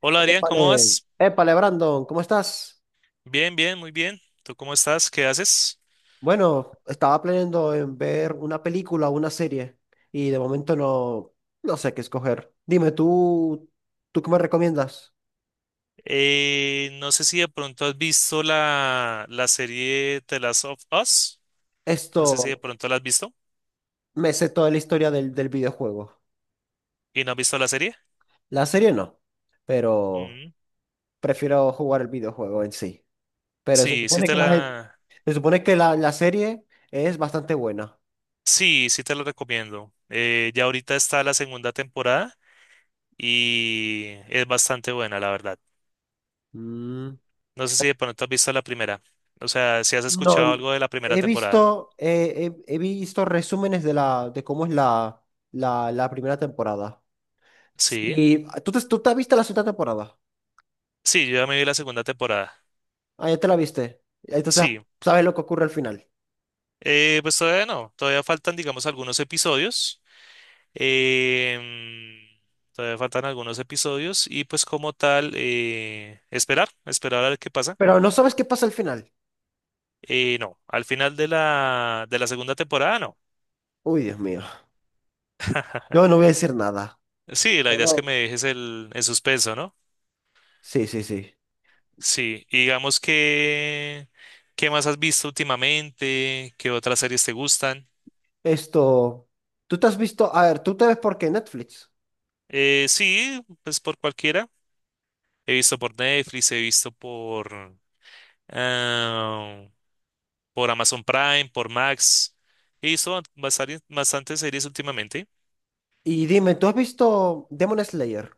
Hola Adrián, ¿cómo Épale, vas? épale, Brandon, ¿cómo estás? Bien, bien, muy bien. ¿Tú cómo estás? ¿Qué haces? Bueno, estaba planeando en ver una película o una serie y de momento no, no sé qué escoger. Dime, ¿tú qué me recomiendas? No sé si de pronto has visto la serie The Last of Us. Esto, No sé si de pronto la has visto me sé toda la historia del videojuego. y no has visto la serie. La serie no, pero Mm. prefiero jugar el videojuego en sí. Pero Sí, sí te se supone que la serie es bastante buena. sí, sí te la recomiendo. Ya ahorita está la segunda temporada y es bastante buena, la verdad. Mm. No sé si de pronto has visto la primera. O sea, si has escuchado No, algo de la primera he temporada. visto, he visto resúmenes de cómo es la primera temporada. Sí, Y tú te viste la segunda temporada. sí, yo ya me vi la segunda temporada. Ah, ya te la viste. Entonces Sí. sabes lo que ocurre al final. Pues todavía no, todavía faltan, digamos, algunos episodios. em, Todavía faltan algunos episodios y pues como tal, esperar, esperar a ver qué pasa. Pero no sabes qué pasa al final. No, al final de de la segunda temporada, no. Uy, Dios mío. Yo no voy a decir nada. Sí, la idea es que Solo- me dejes el suspenso, ¿no? Sí, sí, sí. Sí, y digamos que, ¿qué más has visto últimamente? ¿Qué otras series te gustan? Esto, tú te has visto, a ver, tú te ves por qué Netflix. Sí, pues por cualquiera. He visto por Netflix, he visto por... ah, por Amazon Prime, por Max. He visto bastante, bastantes series últimamente. Y dime, ¿tú has visto Demon Slayer?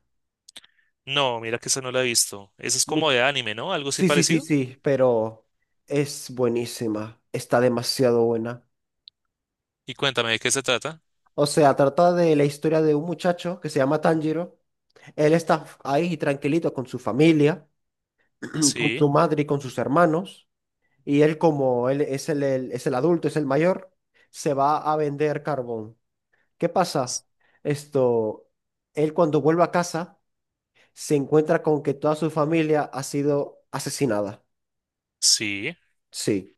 No, mira que esa no la he visto. Esa es como de anime, ¿no? Algo así Sí, sí, sí, parecido. sí, pero es buenísima, está demasiado buena. Y cuéntame de qué se trata. O sea, trata de la historia de un muchacho que se llama Tanjiro. Él está ahí tranquilito con su familia, con Sí, su madre y con sus hermanos. Y él, como él es el adulto, es el mayor, se va a vender carbón. ¿Qué s- pasa? Esto, él cuando vuelve a casa se encuentra con que toda su familia ha sido asesinada. sí, Sí.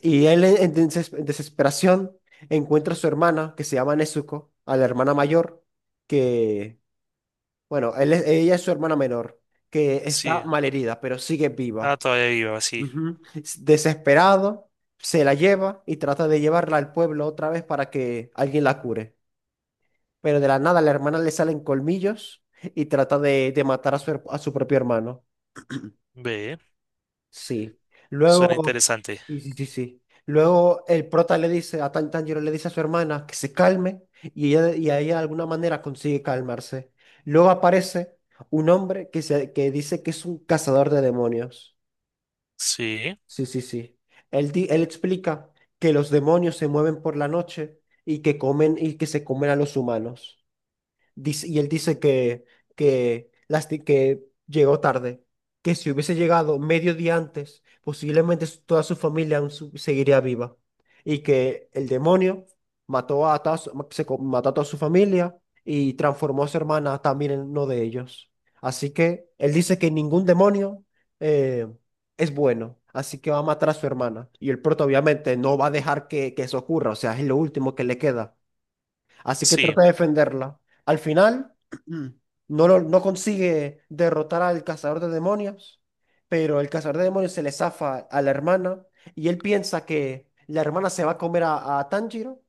Y él en desesperación encuentra a su hermana, que se llama Nezuko, a la hermana mayor, que, bueno, ella es su hermana menor, que está sí. malherida, pero sigue Ah, viva. todavía viva, sí. Ujú. Desesperado, se la lleva y trata de llevarla al pueblo otra vez para que alguien la cure. Pero de la nada a la hermana le salen colmillos y trata de matar a su propio hermano. Ve, Sí. suena Luego, interesante. sí, sí, sí, sí. Luego el prota le dice, a Tan- Tanjiro le dice a su hermana que se calme y ella de alguna manera consigue calmarse. Luego aparece un hombre que dice que es un cazador de demonios. Sí, Sí, sí, sí. Él explica que los demonios se mueven por la noche y que comen y que se comen a los humanos. Y él dice que llegó tarde, que si hubiese llegado medio día antes, posiblemente toda su familia aún seguiría viva. Y que el demonio mató a toda su familia y transformó a su hermana también en uno de ellos. Así que él dice que ningún demonio eh, es bueno, así que va a matar a su hermana. Y el prota obviamente no va a dejar que eso ocurra, o sea, es lo último que le queda. Así que sí. trata de defenderla. Al final, no consigue derrotar al cazador de demonios, pero el cazador de demonios se le zafa a la hermana y él piensa que la hermana se va a comer a Tanjiro,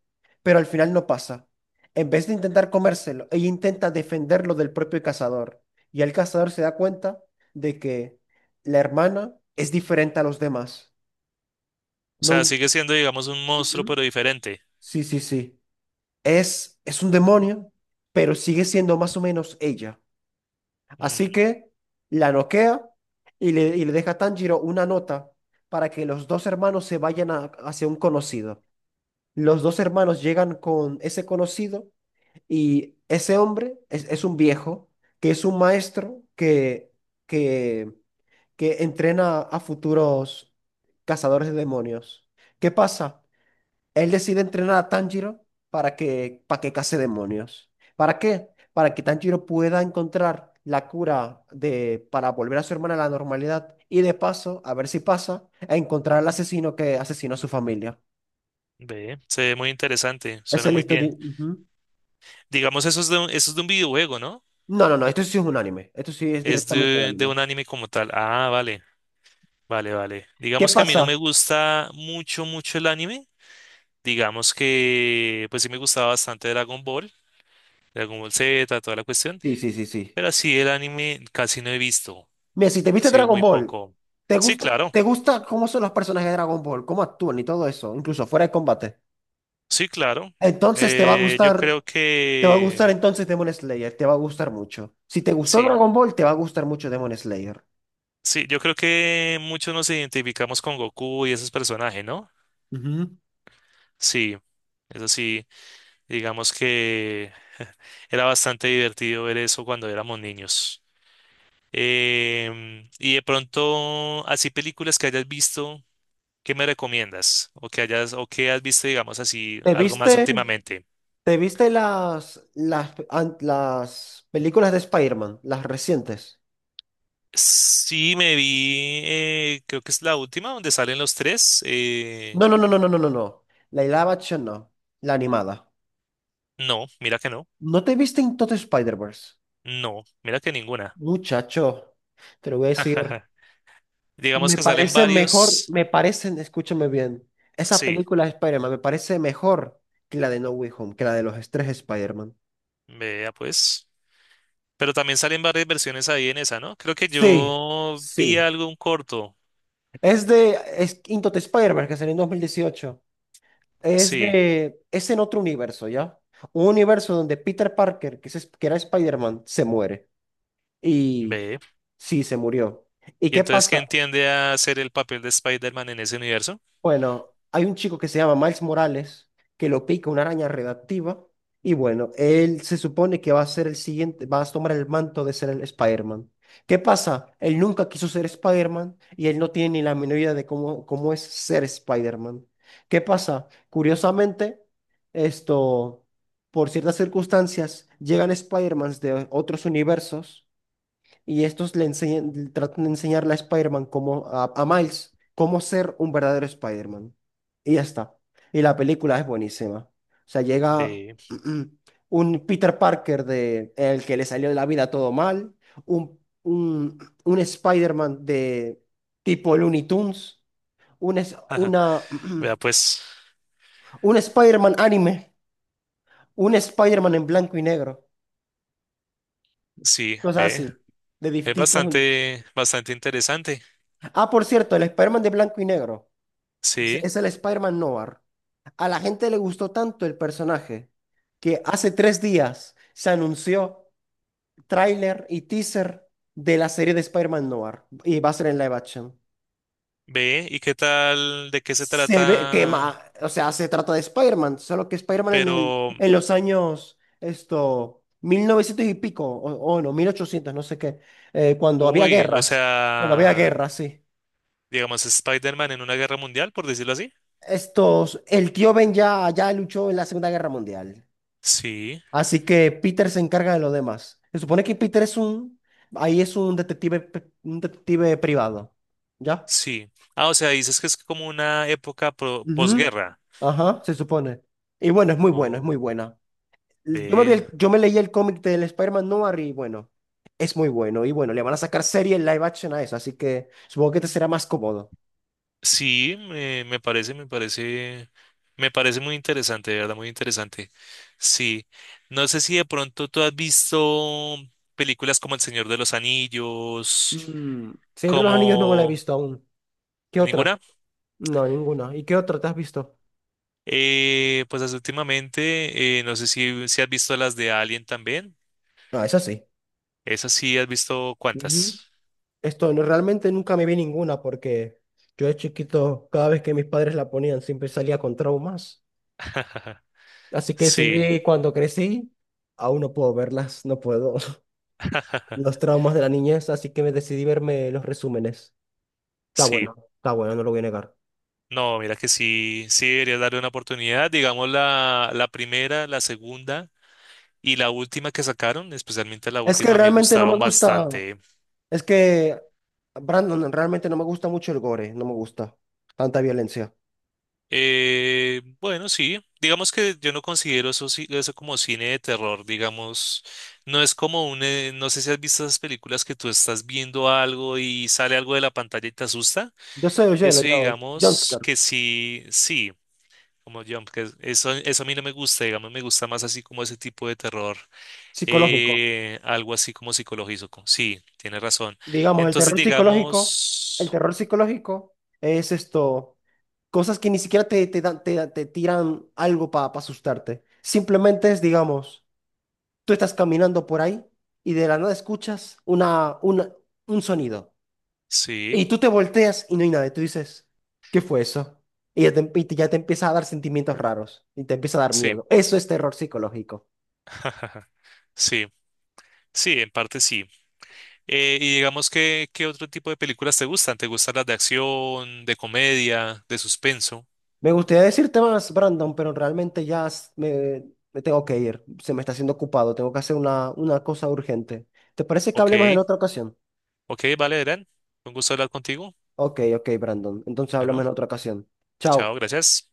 pero al final no pasa. En vez de intentar comérselo, ella intenta defenderlo del propio cazador. Y el cazador se da cuenta de que la hermana es diferente a los demás. O No, sea, sigue siendo, digamos, un monstruo, Ujú. pero diferente. Sí, sí, sí. Es un demonio, pero sigue siendo más o menos ella. Así Mm, que la noquea y le deja a Tanjiro una nota para que los dos hermanos se vayan hacia un conocido. Los dos hermanos llegan con ese conocido y ese hombre es un viejo, que es un maestro que, que entrena a futuros cazadores de demonios. ¿Qué pasa? Él decide entrenar a Tanjiro para que case demonios. ¿Para qué? Para que Tanjiro pueda encontrar la cura para volver a su hermana a la normalidad y de paso, a ver si pasa, a encontrar al asesino que asesinó a su familia. ve, se ve muy interesante, Esa suena es la muy historia. bien. Ujú. Digamos, eso es de eso es de un videojuego, ¿no? No, no, no, esto sí es un anime. Esto sí es Es directamente un de anime. un anime como tal. Ah, vale, vale, vale. ¿Qué Digamos que a mí no me pasa? gusta mucho, mucho el anime. Digamos que, pues sí me gustaba bastante Dragon Ball, Dragon Ball Z, toda la cuestión. Sí, sí, sí, sí. Pero así el anime casi no he visto. Mira, si te Ha viste sido Dragon muy Ball, poco. ¿te Sí, gusta, claro, te gusta cómo son los personajes de Dragon Ball? ¿Cómo actúan y todo eso? Incluso fuera de combate. sí, claro. Entonces te va a Eh, yo gustar creo Te va a gustar que, entonces Demon Slayer, te va a gustar mucho. Si te gustó sí, Dragon Ball, te va a gustar mucho Demon Slayer. sí, yo creo que muchos nos identificamos con Goku y esos personajes, ¿no? Ujú. Sí, eso sí. Digamos que era bastante divertido ver eso cuando éramos niños. Y de pronto, así películas que hayas visto, ¿qué me recomiendas? O que hayas, o que has visto, digamos así, ¿Te algo viste, más últimamente. te viste las películas de Spider-Man, las recientes? Sí, me vi, creo que es la última donde salen los tres. No, no, no, no, no, no, no, no. La live action no, la animada. No, mira que no. ¿No te viste en todo Spider-Verse? No, mira que ninguna. Muchacho, te lo voy a decir. Digamos Me que salen parece mejor, varios. me parecen, escúchame bien, esa Sí, película de Spider-Man me parece mejor que la de No Way Home, que la de los tres Spider-Man. vea pues. Pero también salen varias versiones ahí en esa, ¿no? Creo que Sí, yo vi sí. algo, un corto. Es Into the Spider-Man, que salió en 2018. Es Sí, de, es en otro universo, ¿ya? Un universo donde Peter Parker, que era Spider-Man, se muere. Y ve. sí, se murió. ¿Y ¿Y qué entonces qué pasa? entiende a hacer el papel de Spider-Man en ese universo? Bueno, hay un chico que se llama Miles Morales que lo pica una araña redactiva y bueno, él se supone que va a ser el siguiente, va a tomar el manto de ser el Spider-Man. ¿Qué pasa? Él nunca quiso ser Spider-Man y él no tiene ni la menor idea de cómo es ser Spider-Man. ¿Qué pasa? Curiosamente, esto, por ciertas circunstancias, llegan Spider-Mans de otros universos y estos le enseñan, le tratan de enseñarle a Spider-Man cómo, a Miles, cómo ser un verdadero Spider-Man. Y ya está. Y la película es buenísima. O sea, llega Ve. un Peter Parker de el que le salió de la vida todo mal, un, un, un Spider-Man de tipo Looney Tunes, un, es- Ajá. una, Vea, pues, un Spider-Man anime, un Spider-Man en blanco y negro, sí, cosas ve. así, de Es distintos universos. bastante, bastante interesante. Ah, por cierto, el Spider-Man de blanco y negro. Es, Sí, es el Spider-Man Noir. A la gente le gustó tanto el personaje que hace 3 días se anunció tráiler y teaser de la serie de Spider-Man Noir y va a ser en live action. ve. ¿Y qué tal? ¿De qué se Se ve que, trata? O sea, se trata de Spider-Man, solo que Spider-Man en el, Pero, en los años, 1900 y pico, o no, 1800 no sé qué, eh, cuando había uy, o guerras, cuando había sea, guerras, sí. digamos, Spider-Man en una guerra mundial, por decirlo así. El tío Ben ya luchó en la Segunda Guerra Mundial. Sí, Así que Peter se encarga de los demás. Se supone que Peter ahí es un detective, un detective privado. ¿Ya? sí. Ah, o sea, dices que es como una época Ujú. posguerra. Ajá, se supone. Y bueno, es Oh, muy buena. Yo me vi ve. el- yo me leí el cómic del Spider-Man Noir y bueno, es muy bueno. Y bueno, le van a sacar serie en live action a eso, así que supongo que te será más cómodo. Sí, me parece muy interesante, de verdad, muy interesante. Sí. No sé si de pronto tú has visto películas como El Señor de los Anillos, Señor de los Anillos no me la he como visto aún. ¿Qué otra? ninguna. No, ninguna. ¿Y qué otra te has visto? Pues últimamente, no sé si has visto las de Alien también. No, esa sí. Esas sí, has visto Ujú. cuántas. Esto no, realmente nunca me vi ninguna porque yo de chiquito, cada vez que mis padres la ponían, siempre salía con traumas. Así que Sí, decidí cuando crecí, aún no puedo verlas, no puedo. Los traumas de la niñez, así que me decidí verme los resúmenes. Sí. Está bueno, no lo voy a negar. No, mira que sí, sí deberías darle una oportunidad. Digamos la primera, la segunda. Y la última que sacaron, especialmente la Es que última, me realmente no me gustaron gusta, bastante. es que, Brandon, realmente no me gusta mucho el gore, no me gusta tanta violencia. Bueno, sí, digamos que yo no considero eso, eso como cine de terror, digamos, no es como un, no sé si has visto esas películas que tú estás viendo algo y sale algo de la pantalla y te asusta. Yo soy Oyelo, Eso yo, digamos jumpscare, que sí, sí, como yo, eso, eso a mí no me gusta, digamos, me gusta más así como ese tipo de terror, psicológico. Algo así como psicológico, sí, tienes razón. Digamos, el Entonces, terror psicológico, digamos... el terror psicológico es esto, cosas que ni siquiera te tiran algo para asustarte. Simplemente es, digamos, tú estás caminando por ahí y de la nada escuchas un sonido. Sí, Y tú te volteas y no hay nadie. Tú dices, ¿qué fue eso? Y ya te empieza a dar sentimientos raros y te empieza a dar sí, miedo. Eso es terror psicológico. sí, sí, en parte sí. Y digamos que, ¿qué otro tipo de películas te gustan? ¿Te gustan las de acción, de comedia, de suspenso? Me gustaría decirte más, Brandon, pero realmente ya me tengo que ir. Se me está haciendo ocupado. Tengo que hacer una cosa urgente. ¿Te parece que hablemos en Ok, otra ocasión? ok, vale, Eren, un gusto hablar contigo. Ok, ok, Brandon. Entonces Bueno, hablamos en otra ocasión. chao, Chao. gracias.